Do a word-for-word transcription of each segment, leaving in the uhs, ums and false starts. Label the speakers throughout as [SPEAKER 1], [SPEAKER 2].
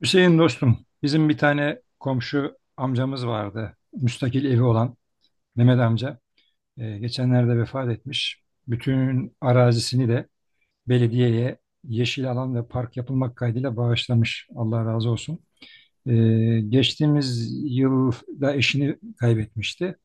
[SPEAKER 1] Hüseyin dostum, bizim bir tane komşu amcamız vardı. Müstakil evi olan Mehmet amca. Ee, geçenlerde vefat etmiş. Bütün arazisini de belediyeye yeşil alan ve park yapılmak kaydıyla bağışlamış. Allah razı olsun. Ee, geçtiğimiz yıl da eşini kaybetmişti.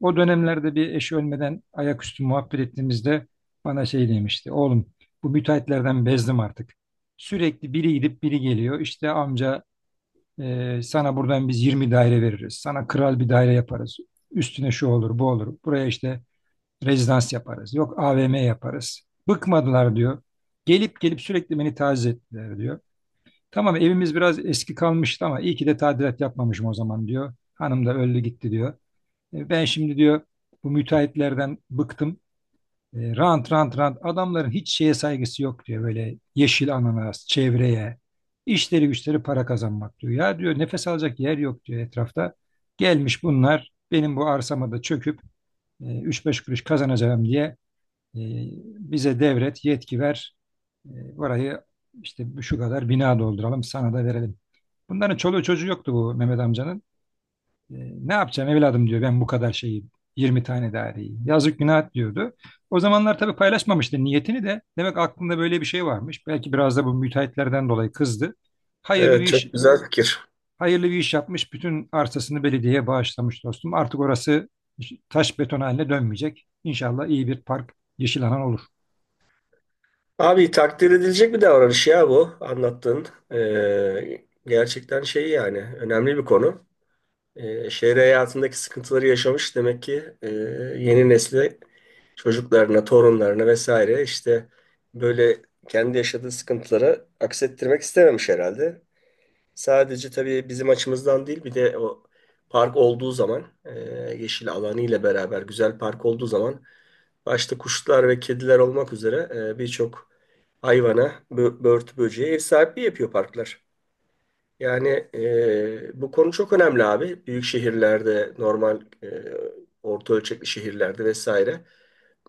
[SPEAKER 1] O dönemlerde bir eşi ölmeden ayaküstü muhabbet ettiğimizde bana şey demişti. Oğlum bu müteahhitlerden bezdim artık. Sürekli biri gidip biri geliyor. İşte amca ee, sana buradan biz yirmi daire veririz. Sana kral bir daire yaparız. Üstüne şu olur, bu olur. Buraya işte rezidans yaparız. Yok A V M yaparız. Bıkmadılar diyor. Gelip gelip sürekli beni taciz ettiler diyor. Tamam evimiz biraz eski kalmıştı ama iyi ki de tadilat yapmamışım o zaman diyor. Hanım da öldü gitti diyor. E, ben şimdi diyor bu müteahhitlerden bıktım. E, rant rant rant adamların hiç şeye saygısı yok diyor böyle yeşil ananas çevreye işleri güçleri para kazanmak diyor. Ya diyor nefes alacak yer yok diyor etrafta. Gelmiş bunlar benim bu arsama da çöküp e, üç beş kuruş kazanacağım diye e, bize devret yetki ver. E, burayı işte şu kadar bina dolduralım sana da verelim. Bunların çoluğu çocuğu yoktu bu Mehmet amcanın. E, ne yapacağım evladım diyor ben bu kadar şeyi yirmi tane daireyi. Yazık günah diyordu. O zamanlar tabii paylaşmamıştı niyetini de. Demek aklında böyle bir şey varmış. Belki biraz da bu müteahhitlerden dolayı kızdı. Hayırlı
[SPEAKER 2] Evet
[SPEAKER 1] bir iş
[SPEAKER 2] çok güzel fikir.
[SPEAKER 1] hayırlı bir iş yapmış. Bütün arsasını belediyeye bağışlamış dostum. Artık orası taş beton haline dönmeyecek. İnşallah iyi bir park, yeşil alan olur.
[SPEAKER 2] Abi takdir edilecek bir davranış ya bu anlattığın. Ee, gerçekten şey yani önemli bir konu. Ee, şehir hayatındaki sıkıntıları yaşamış demek ki e, yeni nesli çocuklarına, torunlarına vesaire işte böyle kendi yaşadığı sıkıntıları aksettirmek istememiş herhalde. Sadece tabii bizim açımızdan değil bir de o park olduğu zaman e, yeşil alanı ile beraber güzel park olduğu zaman başta kuşlar ve kediler olmak üzere e, birçok hayvana, bö- börtü böceğe ev sahipliği yapıyor parklar. Yani e, bu konu çok önemli abi. Büyük şehirlerde, normal e, orta ölçekli şehirlerde vesaire.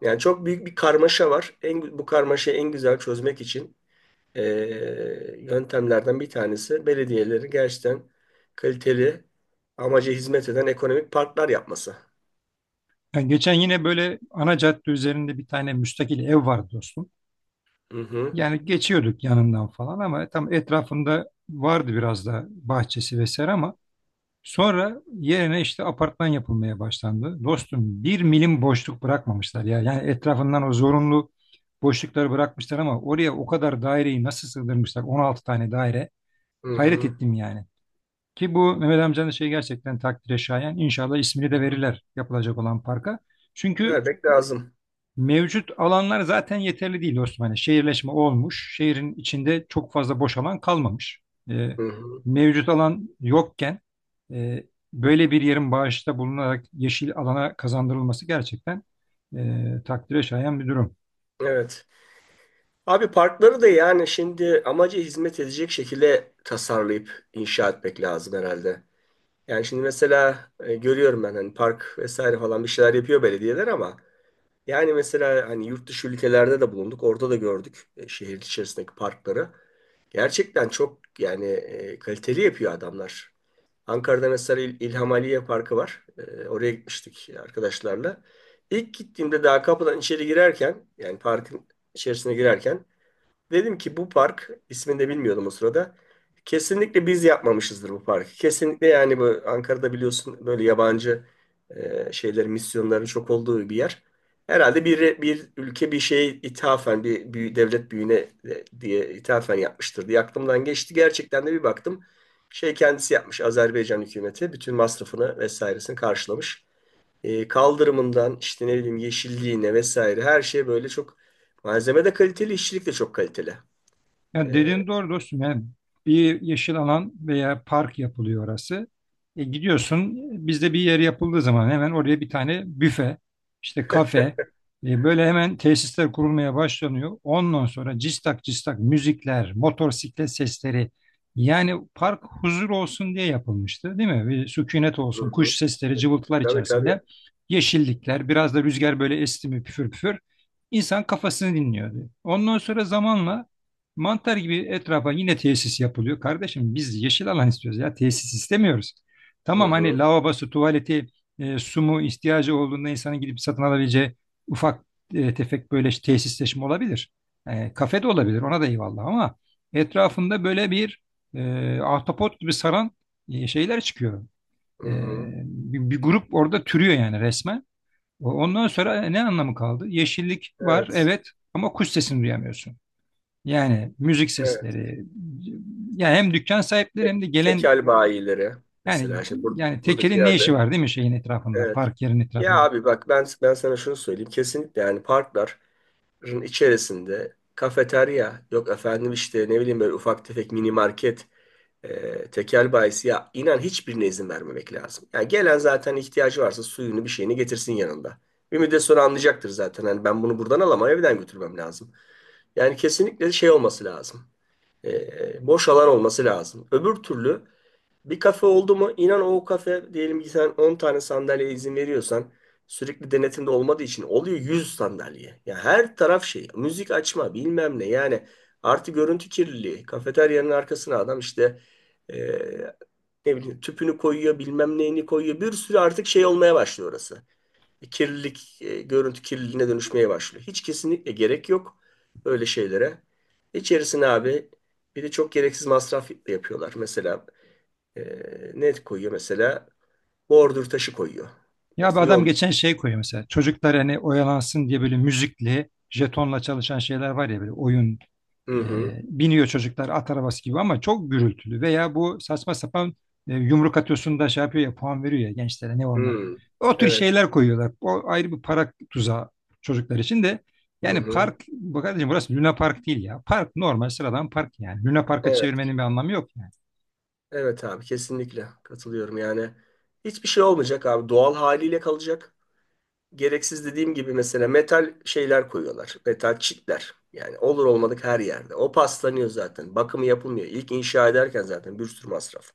[SPEAKER 2] Yani çok büyük bir karmaşa var. En, bu karmaşayı en güzel çözmek için e, yöntemlerden bir tanesi belediyelerin gerçekten kaliteli amaca hizmet eden ekonomik parklar yapması.
[SPEAKER 1] Yani geçen yine böyle ana cadde üzerinde bir tane müstakil ev vardı dostum.
[SPEAKER 2] Hı hı,
[SPEAKER 1] Yani geçiyorduk yanından falan ama tam etrafında vardı biraz da bahçesi vesaire ama sonra yerine işte apartman yapılmaya başlandı. Dostum bir milim boşluk bırakmamışlar ya. Yani etrafından o zorunlu boşlukları bırakmışlar ama oraya o kadar daireyi nasıl sığdırmışlar? On altı tane daire.
[SPEAKER 2] hı
[SPEAKER 1] Hayret
[SPEAKER 2] hı,
[SPEAKER 1] ettim yani. Ki bu Mehmet amcanın şey gerçekten takdire şayan. İnşallah ismini
[SPEAKER 2] hı
[SPEAKER 1] de
[SPEAKER 2] hı.
[SPEAKER 1] verirler yapılacak olan parka. Çünkü
[SPEAKER 2] Vermek lazım.
[SPEAKER 1] Mevcut alanlar zaten yeterli değil Osmanlı. Şehirleşme olmuş. Şehrin içinde çok fazla boş alan kalmamış. E,
[SPEAKER 2] Hı hı.
[SPEAKER 1] mevcut alan yokken e, böyle bir yerin bağışta bulunarak yeşil alana kazandırılması gerçekten e, takdire şayan bir durum.
[SPEAKER 2] Evet. Abi parkları da yani şimdi amaca hizmet edecek şekilde tasarlayıp inşa etmek lazım herhalde. Yani şimdi mesela e, görüyorum ben hani park vesaire falan bir şeyler yapıyor belediyeler ama yani mesela hani yurt dışı ülkelerde de bulunduk. Orada da gördük e, şehir içerisindeki parkları. Gerçekten çok yani e, kaliteli yapıyor adamlar. Ankara'da mesela İl- İlham Aliye Parkı var. E, oraya gitmiştik arkadaşlarla. İlk gittiğimde daha kapıdan içeri girerken yani parkın içerisine girerken dedim ki bu park ismini de bilmiyordum o sırada. Kesinlikle biz yapmamışızdır bu parkı. Kesinlikle yani bu Ankara'da biliyorsun böyle yabancı e, şeylerin misyonların çok olduğu bir yer. Herhalde bir bir ülke bir şeye ithafen bir, büyü- devlet büyüğüne e, diye ithafen yapmıştır diye aklımdan geçti. Gerçekten de bir baktım şey kendisi yapmış Azerbaycan hükümeti bütün masrafını vesairesini karşılamış. E, kaldırımından işte ne bileyim yeşilliğine vesaire her şey böyle çok malzeme de kaliteli, işçilik de çok kaliteli.
[SPEAKER 1] Ya
[SPEAKER 2] Ee,
[SPEAKER 1] dediğin doğru dostum. Yani bir yeşil alan veya park yapılıyor orası. E gidiyorsun bizde bir yer yapıldığı zaman hemen oraya bir tane büfe, işte kafe, e böyle hemen tesisler kurulmaya başlanıyor. Ondan sonra cistak cistak müzikler, motosiklet sesleri. Yani park huzur olsun diye yapılmıştı, değil mi? Bir sükunet
[SPEAKER 2] Hı
[SPEAKER 1] olsun, kuş
[SPEAKER 2] hı.
[SPEAKER 1] sesleri, cıvıltılar
[SPEAKER 2] Tabii tabii.
[SPEAKER 1] içerisinde. Yeşillikler, biraz da rüzgar böyle esti mi püfür püfür. İnsan kafasını dinliyordu. Ondan sonra zamanla mantar gibi etrafa yine tesis yapılıyor. Kardeşim biz yeşil alan istiyoruz ya tesis istemiyoruz.
[SPEAKER 2] Hı
[SPEAKER 1] Tamam hani
[SPEAKER 2] hı.
[SPEAKER 1] lavabosu, tuvaleti, e, su mu ihtiyacı olduğunda insanın gidip satın alabileceği ufak e, tefek böyle işte tesisleşme olabilir. E, kafe de olabilir ona da eyvallah ama etrafında böyle bir e, ahtapot gibi saran e, şeyler çıkıyor. E,
[SPEAKER 2] Hı hı.
[SPEAKER 1] bir, bir grup orada türüyor yani resmen. O- Ondan sonra ne anlamı kaldı? Yeşillik var
[SPEAKER 2] Evet.
[SPEAKER 1] evet ama kuş sesini duyamıyorsun. Yani müzik
[SPEAKER 2] Evet.
[SPEAKER 1] sesleri yani hem dükkan sahipleri
[SPEAKER 2] Kek,
[SPEAKER 1] hem de gelen
[SPEAKER 2] tekel bayileri
[SPEAKER 1] yani
[SPEAKER 2] mesela şimdi bur-
[SPEAKER 1] yani
[SPEAKER 2] buradaki
[SPEAKER 1] tekelin ne işi
[SPEAKER 2] yerde.
[SPEAKER 1] var değil mi şeyin etrafında
[SPEAKER 2] Evet.
[SPEAKER 1] park yerin
[SPEAKER 2] Ya
[SPEAKER 1] etrafında.
[SPEAKER 2] abi bak ben ben sana şunu söyleyeyim. Kesinlikle yani parkların içerisinde kafeterya yok efendim işte ne bileyim böyle ufak tefek mini market e, tekel bayisi ya inan hiçbirine izin vermemek lazım. Yani gelen zaten ihtiyacı varsa suyunu bir şeyini getirsin yanında. Ümit de sonra anlayacaktır zaten. Hani ben bunu buradan alamam evden götürmem lazım. Yani kesinlikle şey olması lazım. Ee, boş alan olması lazım. Öbür türlü bir kafe oldu mu inan o kafe diyelim ki sen on tane sandalyeye izin veriyorsan sürekli denetimde olmadığı için oluyor yüz sandalye. Ya her taraf şey müzik açma bilmem ne yani artı görüntü kirliliği kafeteryanın arkasına adam işte e, ne bileyim tüpünü koyuyor bilmem neyini koyuyor bir sürü artık şey olmaya başlıyor orası kirlilik, e, görüntü kirliliğine dönüşmeye başlıyor. Hiç kesinlikle gerek yok böyle şeylere. İçerisine abi bir de çok gereksiz masraf yapıyorlar. Mesela e, ne koyuyor mesela? Bordür taşı koyuyor.
[SPEAKER 1] Ya bir
[SPEAKER 2] Mesela
[SPEAKER 1] adam
[SPEAKER 2] yol.
[SPEAKER 1] geçen şey koyuyor mesela çocuklar hani oyalansın diye böyle müzikli jetonla çalışan şeyler var ya böyle oyun
[SPEAKER 2] Hı hı.
[SPEAKER 1] E, biniyor çocuklar at arabası gibi ama çok gürültülü veya bu saçma sapan e, yumruk atıyorsun da şey yapıyor ya puan veriyor ya gençlere ne onlar.
[SPEAKER 2] Hı.
[SPEAKER 1] O tür
[SPEAKER 2] Evet.
[SPEAKER 1] şeyler koyuyorlar. O ayrı bir para tuzağı çocuklar için de
[SPEAKER 2] Hı
[SPEAKER 1] yani
[SPEAKER 2] hı.
[SPEAKER 1] park bu kardeşim burası Luna Park değil ya. Park normal sıradan park yani. Luna Park'a
[SPEAKER 2] Evet.
[SPEAKER 1] çevirmenin bir anlamı yok yani.
[SPEAKER 2] Evet abi kesinlikle katılıyorum. Yani hiçbir şey olmayacak abi. Doğal haliyle kalacak. Gereksiz dediğim gibi mesela metal şeyler koyuyorlar. Metal çitler. Yani olur olmadık her yerde. O paslanıyor zaten. Bakımı yapılmıyor. İlk inşa ederken zaten bir sürü masraf.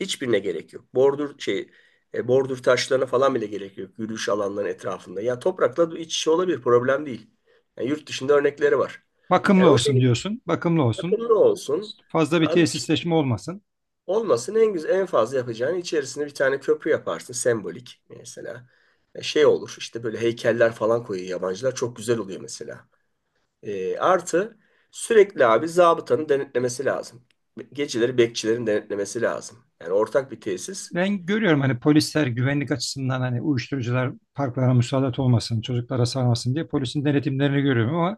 [SPEAKER 2] Hiçbirine gerek yok. Bordür şey e, bordür taşlarına falan bile gerek yok. Yürüyüş alanların etrafında. Ya toprakla iç içe olabilir. Problem değil. Yani yurt dışında örnekleri var.
[SPEAKER 1] Bakımlı
[SPEAKER 2] Yani o
[SPEAKER 1] olsun
[SPEAKER 2] şekilde
[SPEAKER 1] diyorsun. Bakımlı olsun.
[SPEAKER 2] bakımlı olsun.
[SPEAKER 1] Fazla bir
[SPEAKER 2] Abi
[SPEAKER 1] tesisleşme olmasın.
[SPEAKER 2] olmasın en güzel en fazla yapacağın içerisine bir tane köprü yaparsın sembolik mesela. E, Şey olur işte böyle heykeller falan koyuyor yabancılar çok güzel oluyor mesela. E, artı sürekli abi zabıtanın denetlemesi lazım. Geceleri bekçilerin denetlemesi lazım. Yani ortak bir tesis.
[SPEAKER 1] Ben görüyorum hani polisler güvenlik açısından hani uyuşturucular parklara müsaade olmasın, çocuklara sarmasın diye polisin denetimlerini görüyorum ama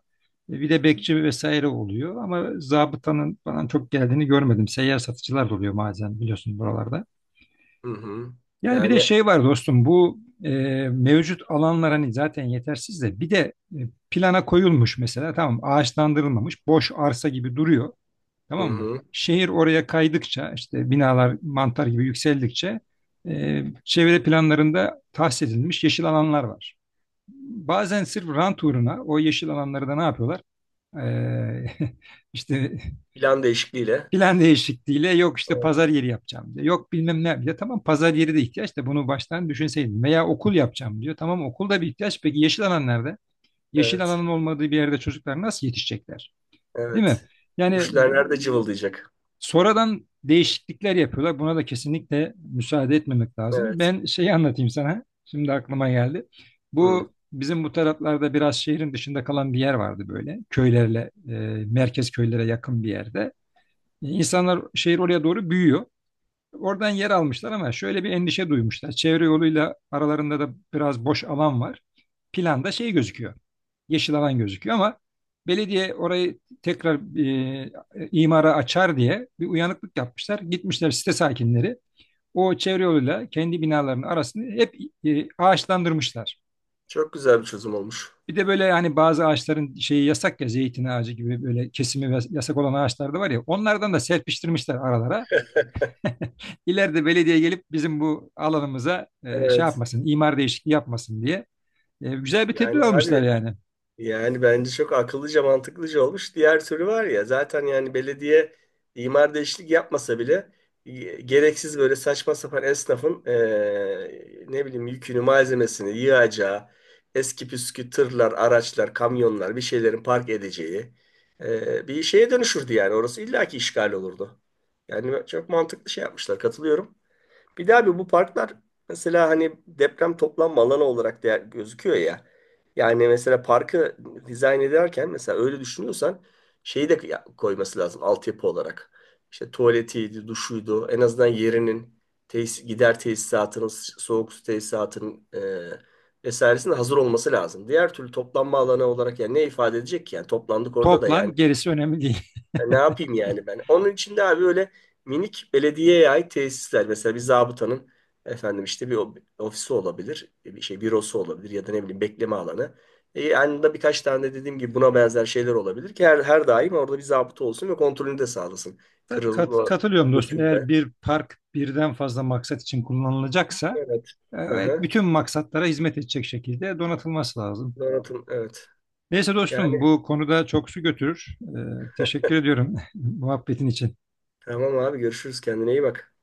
[SPEAKER 1] e, bir de bekçi vesaire oluyor ama zabıtanın falan çok geldiğini görmedim. Seyyar satıcılar da oluyor bazen biliyorsun buralarda.
[SPEAKER 2] Hı hı.
[SPEAKER 1] Yani bir de
[SPEAKER 2] Yani
[SPEAKER 1] şey var dostum bu e, mevcut alanlar hani zaten yetersiz de bir de e, plana koyulmuş mesela tamam ağaçlandırılmamış boş arsa gibi duruyor.
[SPEAKER 2] hı
[SPEAKER 1] Tamam mı?
[SPEAKER 2] hı.
[SPEAKER 1] Şehir oraya kaydıkça işte binalar mantar gibi yükseldikçe e, çevre planlarında tahsis edilmiş yeşil alanlar var. Bazen sırf rant uğruna o yeşil alanları da ne yapıyorlar? E, işte
[SPEAKER 2] Plan değişikliğiyle.
[SPEAKER 1] plan değişikliğiyle yok işte
[SPEAKER 2] Evet.
[SPEAKER 1] pazar yeri yapacağım diyor. Yok bilmem ne diyor. Tamam pazar yeri de ihtiyaç da bunu baştan düşünseydin. Veya okul yapacağım diyor. Tamam okul da bir ihtiyaç. Peki yeşil alan nerede? Yeşil
[SPEAKER 2] Evet.
[SPEAKER 1] alanın olmadığı bir yerde çocuklar nasıl yetişecekler? Değil mi?
[SPEAKER 2] Evet.
[SPEAKER 1] Yani
[SPEAKER 2] Kuşlar nerede cıvıldayacak?
[SPEAKER 1] Sonradan değişiklikler yapıyorlar. Buna da kesinlikle müsaade etmemek lazım.
[SPEAKER 2] Evet.
[SPEAKER 1] Ben şeyi anlatayım sana. Şimdi aklıma geldi.
[SPEAKER 2] Hı.
[SPEAKER 1] Bu bizim bu taraflarda biraz şehrin dışında kalan bir yer vardı böyle. Köylerle, e, merkez köylere yakın bir yerde. E, İnsanlar şehir oraya doğru büyüyor. Oradan yer almışlar ama şöyle bir endişe duymuşlar. Çevre yoluyla aralarında da biraz boş alan var. Planda şey gözüküyor yeşil alan gözüküyor ama belediye orayı tekrar e, imara açar diye bir uyanıklık yapmışlar. Gitmişler site sakinleri o çevre yoluyla kendi binalarının arasını hep e, ağaçlandırmışlar.
[SPEAKER 2] Çok güzel bir çözüm olmuş.
[SPEAKER 1] Bir de böyle hani bazı ağaçların şeyi yasak ya zeytin ağacı gibi böyle kesimi yasak olan ağaçlar da var ya onlardan da serpiştirmişler aralara. İleride belediye gelip bizim bu alanımıza e, şey
[SPEAKER 2] Evet.
[SPEAKER 1] yapmasın, imar değişikliği yapmasın diye e, güzel bir tedbir
[SPEAKER 2] Yani
[SPEAKER 1] almışlar
[SPEAKER 2] abi
[SPEAKER 1] yani.
[SPEAKER 2] yani bence çok akıllıca mantıklıca olmuş. Diğer türlü var ya zaten yani belediye imar değişiklik yapmasa bile e, gereksiz böyle saçma sapan esnafın e, ne bileyim yükünü malzemesini yığacağı eski püskü tırlar araçlar kamyonlar bir şeylerin park edeceği e, bir şeye dönüşürdü yani orası illaki işgal olurdu. Yani çok mantıklı şey yapmışlar katılıyorum. Bir de abi bu parklar mesela hani deprem toplanma alanı olarak değer, gözüküyor ya. Yani mesela parkı dizayn ederken mesela öyle düşünüyorsan şeyi de ya- koyması lazım altyapı olarak. İşte tuvaletiydi, duşuydu, en azından yerinin tesis, gider tesisatının, soğuk su tesisatının e, vesairesinin hazır olması lazım. Diğer türlü toplanma alanı olarak yani ne ifade edecek ki? Yani toplandık orada da yani
[SPEAKER 1] Toplan gerisi önemli değil.
[SPEAKER 2] ya ne yapayım yani ben? Onun için de abi öyle minik belediyeye ait tesisler. Mesela bir zabıtanın efendim işte bir o- ofisi olabilir. e, Bir şey bürosu olabilir ya da ne bileyim bekleme alanı. E, yanında birkaç tane de dediğim gibi buna benzer şeyler olabilir ki her, her daim orada bir zabıta olsun ve kontrolünü de sağlasın.
[SPEAKER 1] Tabii kat-
[SPEAKER 2] Kırılma,
[SPEAKER 1] katılıyorum dostum. Eğer
[SPEAKER 2] dökülme.
[SPEAKER 1] bir park birden fazla maksat için kullanılacaksa
[SPEAKER 2] Evet.
[SPEAKER 1] e, evet,
[SPEAKER 2] Aha.
[SPEAKER 1] bütün maksatlara hizmet edecek şekilde donatılması lazım.
[SPEAKER 2] Donatın. Evet.
[SPEAKER 1] Neyse
[SPEAKER 2] Yani
[SPEAKER 1] dostum bu konuda çok su götürür. E, teşekkür ediyorum muhabbetin için.
[SPEAKER 2] tamam abi görüşürüz. Kendine iyi bak.